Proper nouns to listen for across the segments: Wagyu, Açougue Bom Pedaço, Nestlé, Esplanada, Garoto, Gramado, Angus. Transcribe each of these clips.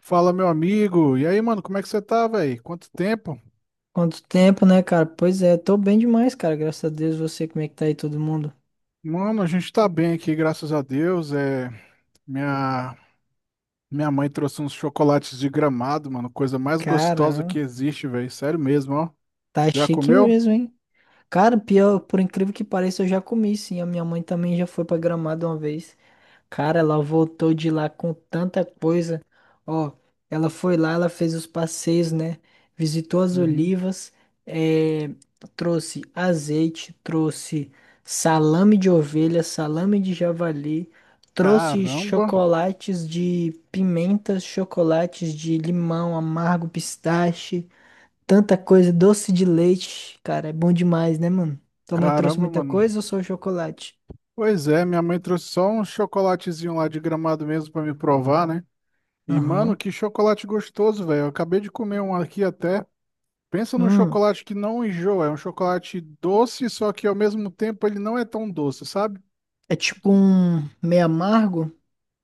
Fala, meu amigo. E aí, mano, como é que você tá, velho? Quanto tempo? Quanto tempo, né, cara? Pois é, tô bem demais, cara. Graças a Deus, você, como é que tá aí todo mundo? Mano, a gente tá bem aqui, graças a Deus. É, minha minha mãe trouxe uns chocolates de Gramado, mano, coisa mais gostosa que Cara, existe, velho. Sério mesmo, ó. tá Já chique comeu? mesmo, hein? Cara, pior, por incrível que pareça, eu já comi, sim. A minha mãe também já foi pra Gramado uma vez. Cara, ela voltou de lá com tanta coisa. Ó, ela foi lá, ela fez os passeios, né? Visitou as Uhum. olivas, eh, trouxe azeite, trouxe salame de ovelha, salame de javali, trouxe Caramba. chocolates de pimentas, chocolates de limão, amargo, pistache, tanta coisa, doce de leite. Cara, é bom demais, né, mano? Tua mãe trouxe Caramba, muita mano. coisa ou só o chocolate? Pois é, minha mãe trouxe só um chocolatezinho lá de Gramado mesmo pra me provar, né? E, mano, Aham. que chocolate gostoso, velho. Eu acabei de comer um aqui até. Pensa num Hum. chocolate que não enjoa, é um chocolate doce, só que ao mesmo tempo ele não é tão doce, sabe? É tipo um meio amargo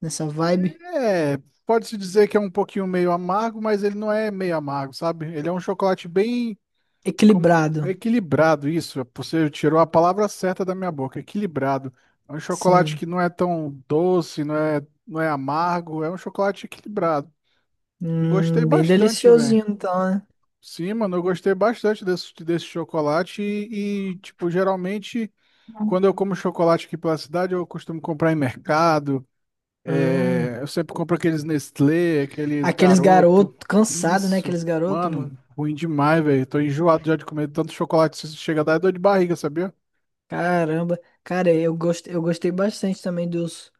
nessa vibe. É, pode-se dizer que é um pouquinho meio amargo, mas ele não é meio amargo, sabe? Ele é um chocolate bem Equilibrado. equilibrado, isso. Você tirou a palavra certa da minha boca, equilibrado. É um chocolate Sim. que não é tão doce, não é, não é amargo, é um chocolate equilibrado. Gostei Bem bastante, velho. deliciosinho então, né? Sim, mano, eu gostei bastante desse chocolate e tipo, geralmente. Quando eu como chocolate aqui pela cidade, eu costumo comprar em mercado. Hum. É, eu sempre compro aqueles Nestlé, aqueles Aqueles Garoto. garotos, cansado, né? Isso, Aqueles garotos, mano, mano. ruim demais, velho. Tô enjoado já de comer tanto chocolate. Se chega a dar dor de barriga, sabia? Caramba. Cara, eu gostei bastante também dos,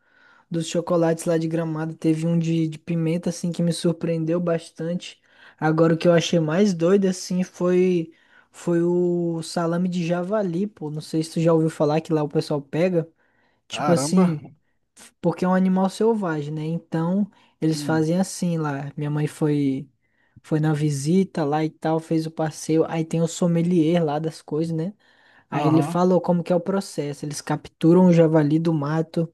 dos chocolates lá de Gramado. Teve um de pimenta, assim, que me surpreendeu bastante. Agora, o que eu achei mais doido, assim, foi o salame de javali, pô. Não sei se tu já ouviu falar que lá o pessoal pega. Tipo Caramba. assim, porque é um animal selvagem, né? Então, eles Hum. fazem assim lá. Minha mãe foi na visita lá e tal, fez o passeio. Aí tem o sommelier lá das coisas, né? Aí ele Aham. falou como que é o processo. Eles capturam o javali do mato,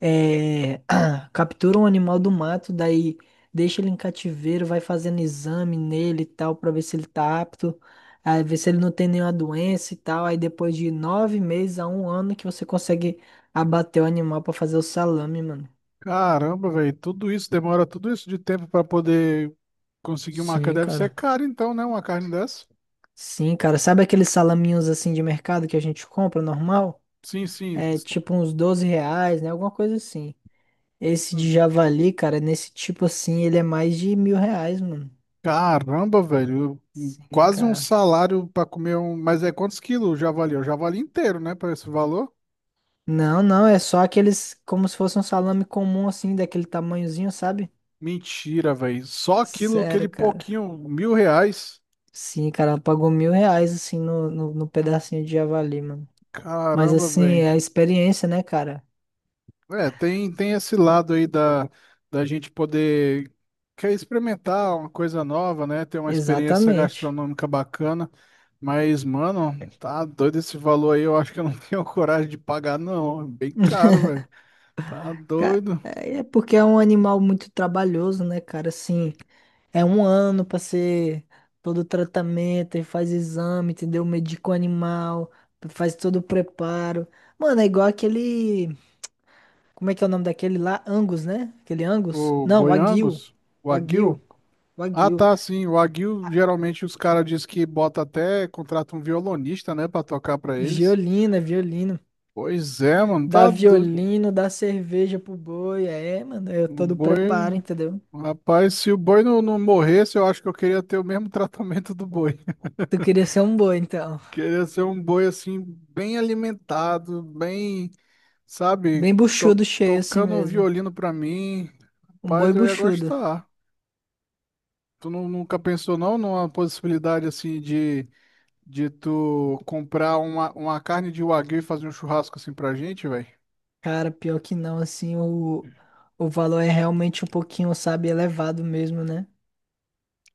é, captura um animal do mato, daí deixa ele em cativeiro, vai fazendo exame nele e tal, pra ver se ele tá apto, aí ver se ele não tem nenhuma doença e tal. Aí depois de 9 meses a um ano que você consegue abater o animal pra fazer o salame, mano. Caramba, velho. Tudo isso demora tudo isso de tempo pra poder conseguir uma Sim, carne. Deve ser cara. caro, então, né? Uma carne dessa. Sim, cara, sabe aqueles salaminhos assim de mercado que a gente compra normal? Sim, sim. É tipo uns R$ 12, né? Alguma coisa assim. Esse de javali, cara, nesse tipo assim, ele é mais de R$ 1.000, mano. Caramba, velho, Sim, quase um cara. salário pra comer um. Mas é quantos quilos o javali? É o javali inteiro, né? Para esse valor? Não, não, é só aqueles como se fosse um salame comum, assim, daquele tamanhozinho, sabe? Mentira, velho. Só aquilo, Sério, aquele cara. pouquinho, R$ 1.000. Sim, cara, ela pagou R$ 1.000, assim, no pedacinho de javali, mano. Mas, Caramba, assim, velho. é a experiência, né, cara? É, tem esse lado aí da, da gente poder quer experimentar uma coisa nova, né? Ter uma experiência Exatamente. gastronômica bacana. Mas, mano, tá doido esse valor aí. Eu acho que eu não tenho coragem de pagar, não. É bem caro, velho. Tá doido. É porque é um animal muito trabalhoso, né, cara? Assim, é um ano pra ser todo o tratamento, e faz exame, entendeu? Medica o animal, faz todo o preparo. Mano, é igual aquele. Como é que é o nome daquele lá? Angus, né? Aquele Angus? O Não, boi Wagyu. Angus? O Wagyu. aguil? Ah, Wagyu. tá, sim. O aguil, geralmente os caras dizem que bota até, contrata um violonista, né, pra tocar pra eles. Violina, violino. Pois é, mano, Dá tá doido. violino, dá cerveja pro boi. É, mano, eu O todo preparo, boi. entendeu? Rapaz, se o boi não morresse, eu acho que eu queria ter o mesmo tratamento do boi. Tu queria ser um boi, então. Queria ser um boi, assim, bem alimentado, bem, sabe, Bem buchudo, cheio assim tocando um mesmo. violino pra mim. Um boi Rapaz, eu ia buchudo. gostar. Tu nunca pensou, não, numa possibilidade, assim, de. De tu comprar uma carne de wagyu e fazer um churrasco assim pra gente, velho. Cara, pior que não, assim, o valor é realmente um pouquinho, sabe, elevado mesmo, né?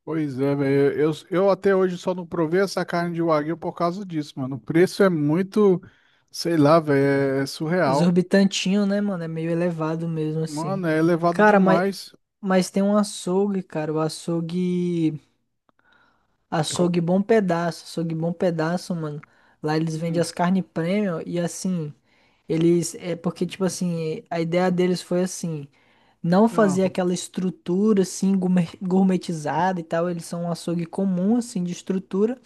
Pois é, velho. Eu até hoje só não provei essa carne de wagyu por causa disso, mano. O preço é muito, sei lá, velho, é surreal. Exorbitantinho, né, mano? É meio elevado mesmo, assim. Mano, é elevado Cara, mas, demais. Tem um açougue, cara. O açougue. Co- Açougue Bom Pedaço, mano. Lá eles vendem Hum, as carnes premium e assim, eles é porque tipo assim, a ideia deles foi assim, não ah, fazer aquela estrutura assim gourmetizada e tal, eles são um açougue comum assim de estrutura,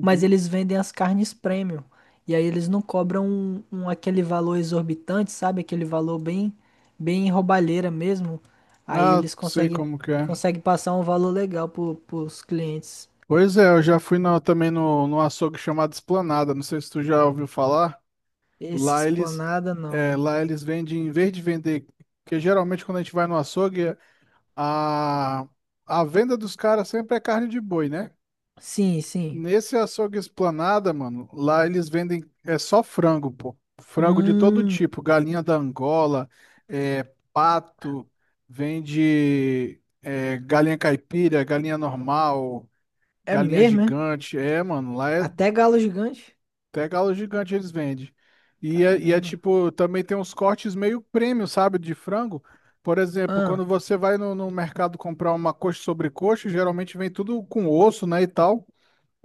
mas eles vendem as carnes premium. E aí eles não cobram aquele valor exorbitante, sabe? Aquele valor bem bem roubalheira mesmo. Aí Ah, eles sei conseguem como que é. Passar um valor legal pro, pros clientes. Pois é, eu já fui na- também no, no açougue chamado Esplanada. Não sei se tu já ouviu falar. Esse Lá eles, esplanada é, não. lá eles vendem, em vez de vender, porque geralmente quando a gente vai no açougue, A, a venda dos caras sempre é carne de boi, né? Sim, sim. Nesse açougue Esplanada, mano, lá eles vendem é só frango, pô. Frango de todo Hum, tipo, galinha da Angola, é, pato, vende é, galinha caipira, galinha normal, é galinha mesmo, é? gigante. É, mano, lá é Até galo gigante? até galo gigante eles vendem. E é Caramba. tipo, também tem uns cortes meio premium, sabe, de frango. Por exemplo, Ah, quando você vai no mercado comprar uma coxa sobre coxa, geralmente vem tudo com osso, né, e tal.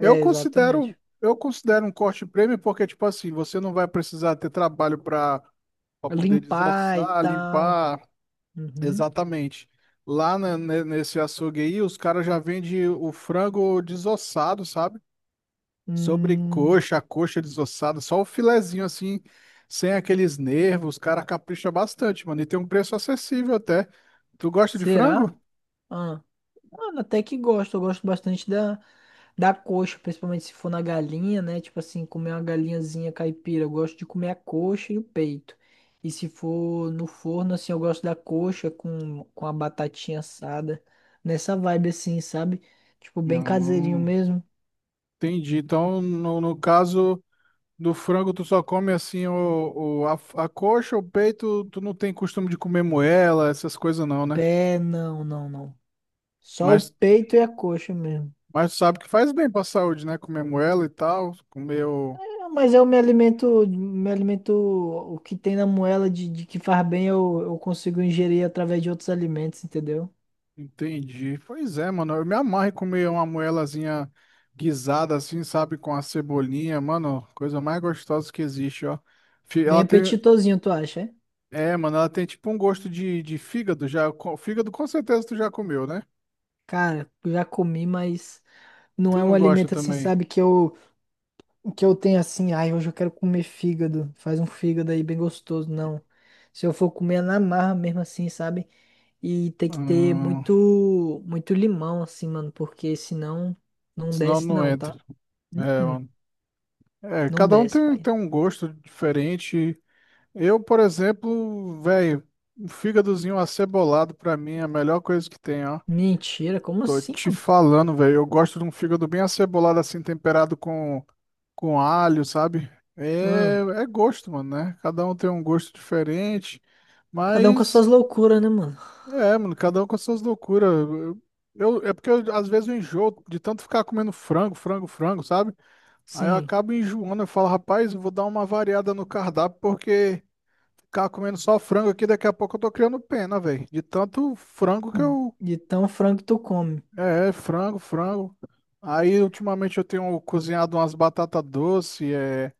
Eu considero, exatamente. eu considero um corte premium porque, tipo assim, você não vai precisar ter trabalho para poder Limpar e desossar, tal. limpar, Uhum. exatamente. Lá nesse açougue aí, os caras já vendem o frango desossado, sabe? Hum, Sobrecoxa, a coxa desossada, só o filezinho assim, sem aqueles nervos, os caras capricha bastante, mano. E tem um preço acessível até. Tu gosta de será? frango? Mano, até que gosto. Eu gosto bastante da coxa, principalmente se for na galinha, né? Tipo assim, comer uma galinhazinha caipira. Eu gosto de comer a coxa e o peito. E se for no forno, assim, eu gosto da coxa com a batatinha assada. Nessa vibe assim, sabe? Tipo, bem caseirinho Não. mesmo. Entendi. Então, no caso do frango, tu só come assim o, a coxa, o peito, tu não tem costume de comer moela, essas coisas não, né? Pé, não, não, não. Só o Mas, peito e a coxa mesmo. mas tu sabe que faz bem pra saúde, né? Comer moela e tal, comer o- É, mas eu me alimento, o que tem na moela de que faz bem, eu consigo ingerir através de outros alimentos, entendeu? Entendi. Pois é, mano. Eu me amarro em comer uma moelazinha guisada assim, sabe? Com a cebolinha, mano. Coisa mais gostosa que existe, ó. Bem Ela tem. apetitosinho, tu acha? É? É, mano, ela tem tipo um gosto de fígado já. Fígado com certeza tu já comeu, né? Cara, eu já comi, mas não Tu é um não gosta alimento assim, também. sabe, que eu tenho assim, ai, hoje eu quero comer fígado. Faz um fígado aí bem gostoso, não. Se eu for comer é na marra mesmo assim, sabe? E tem que ter Hum, muito muito limão assim, mano, porque senão não senão desce não não, entra. tá? É, Uh-uh, mano. É, não cada um desce, tem, pai. tem um gosto diferente. Eu, por exemplo, velho, um fígadozinho acebolado pra mim é a melhor coisa que tem, ó. Mentira, como Tô assim, te mano? falando, velho. Eu gosto de um fígado bem acebolado, assim, temperado com alho, sabe? É, Ah, é gosto, mano, né? Cada um tem um gosto diferente. cada um com as Mas, suas loucuras, né, mano? é, mano, cada um com as suas loucuras. É porque eu, às vezes eu enjoo de tanto ficar comendo frango, frango, frango, sabe? Aí eu Sim. acabo enjoando. Eu falo, rapaz, eu vou dar uma variada no cardápio, porque ficar comendo só frango aqui, daqui a pouco eu tô criando pena, velho. De tanto frango que eu De tão frango que tu come. é, é frango, frango. Aí, ultimamente, eu tenho cozinhado umas batata doce, é,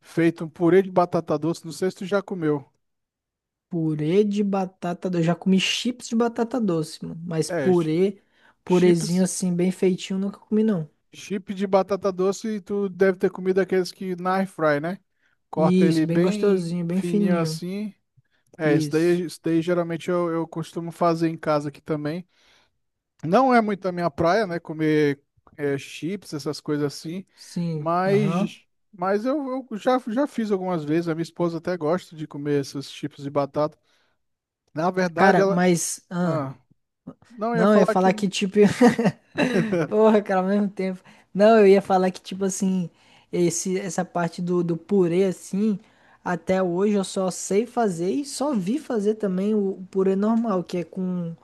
feito um purê de batata doce. Não sei se tu já comeu. Purê de batata doce. Eu já comi chips de batata doce, mano. Mas É, chi- purê, purezinho chips, assim, bem feitinho, nunca comi, não. chip de batata doce, e tu deve ter comido aqueles que na air fry, né? Corta ele Isso, bem bem gostosinho, bem fininho fininho. assim. É, Isso. isso daí geralmente eu costumo fazer em casa aqui também. Não é muito a minha praia, né? Comer é, chips, essas coisas assim. Sim, aham. Mas, mas eu já, já fiz algumas vezes. A minha esposa até gosta de comer esses chips de batata. Na verdade, Cara, ela. mas. Ah, Ah, não, eu ia não, eu ia falar que. falar que tipo. Porra, cara, ao mesmo tempo. Não, eu ia falar que tipo assim. Esse, essa parte do purê assim. Até hoje eu só sei fazer e só vi fazer também o purê normal, que é com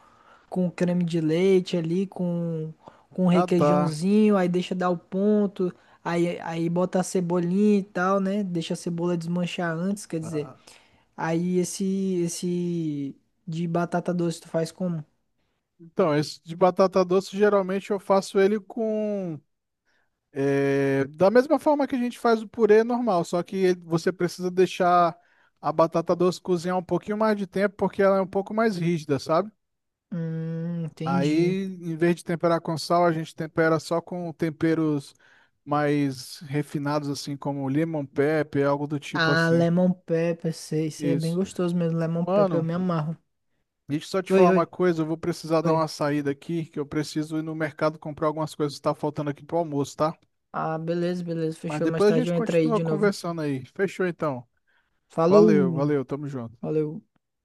creme de leite ali, com, um Ah, tá. requeijãozinho, aí deixa dar o ponto, aí bota a cebolinha e tal, né? Deixa a cebola desmanchar antes, quer dizer. Ah, Aí esse, esse de batata doce tu faz como? Então, esse de batata doce, geralmente eu faço ele com. É, da mesma forma que a gente faz o purê normal, só que ele- você precisa deixar a batata doce cozinhar um pouquinho mais de tempo, porque ela é um pouco mais rígida, sabe? Entendi. Aí, em vez de temperar com sal, a gente tempera só com temperos mais refinados, assim, como lemon pepper, algo do tipo Ah, assim. lemon pepper, sei, sei, é bem Isso. gostoso mesmo, lemon pepper, eu Mano, me amarro. deixa eu só te Oi, falar oi, uma coisa, eu vou precisar dar uma oi. saída aqui, que eu preciso ir no mercado comprar algumas coisas que tá faltando aqui pro almoço, tá? Ah, beleza, beleza, Mas fechou, mais depois a tarde gente eu entro aí continua de novo. conversando aí. Fechou então. Valeu, Falou, valeu, tamo junto. valeu.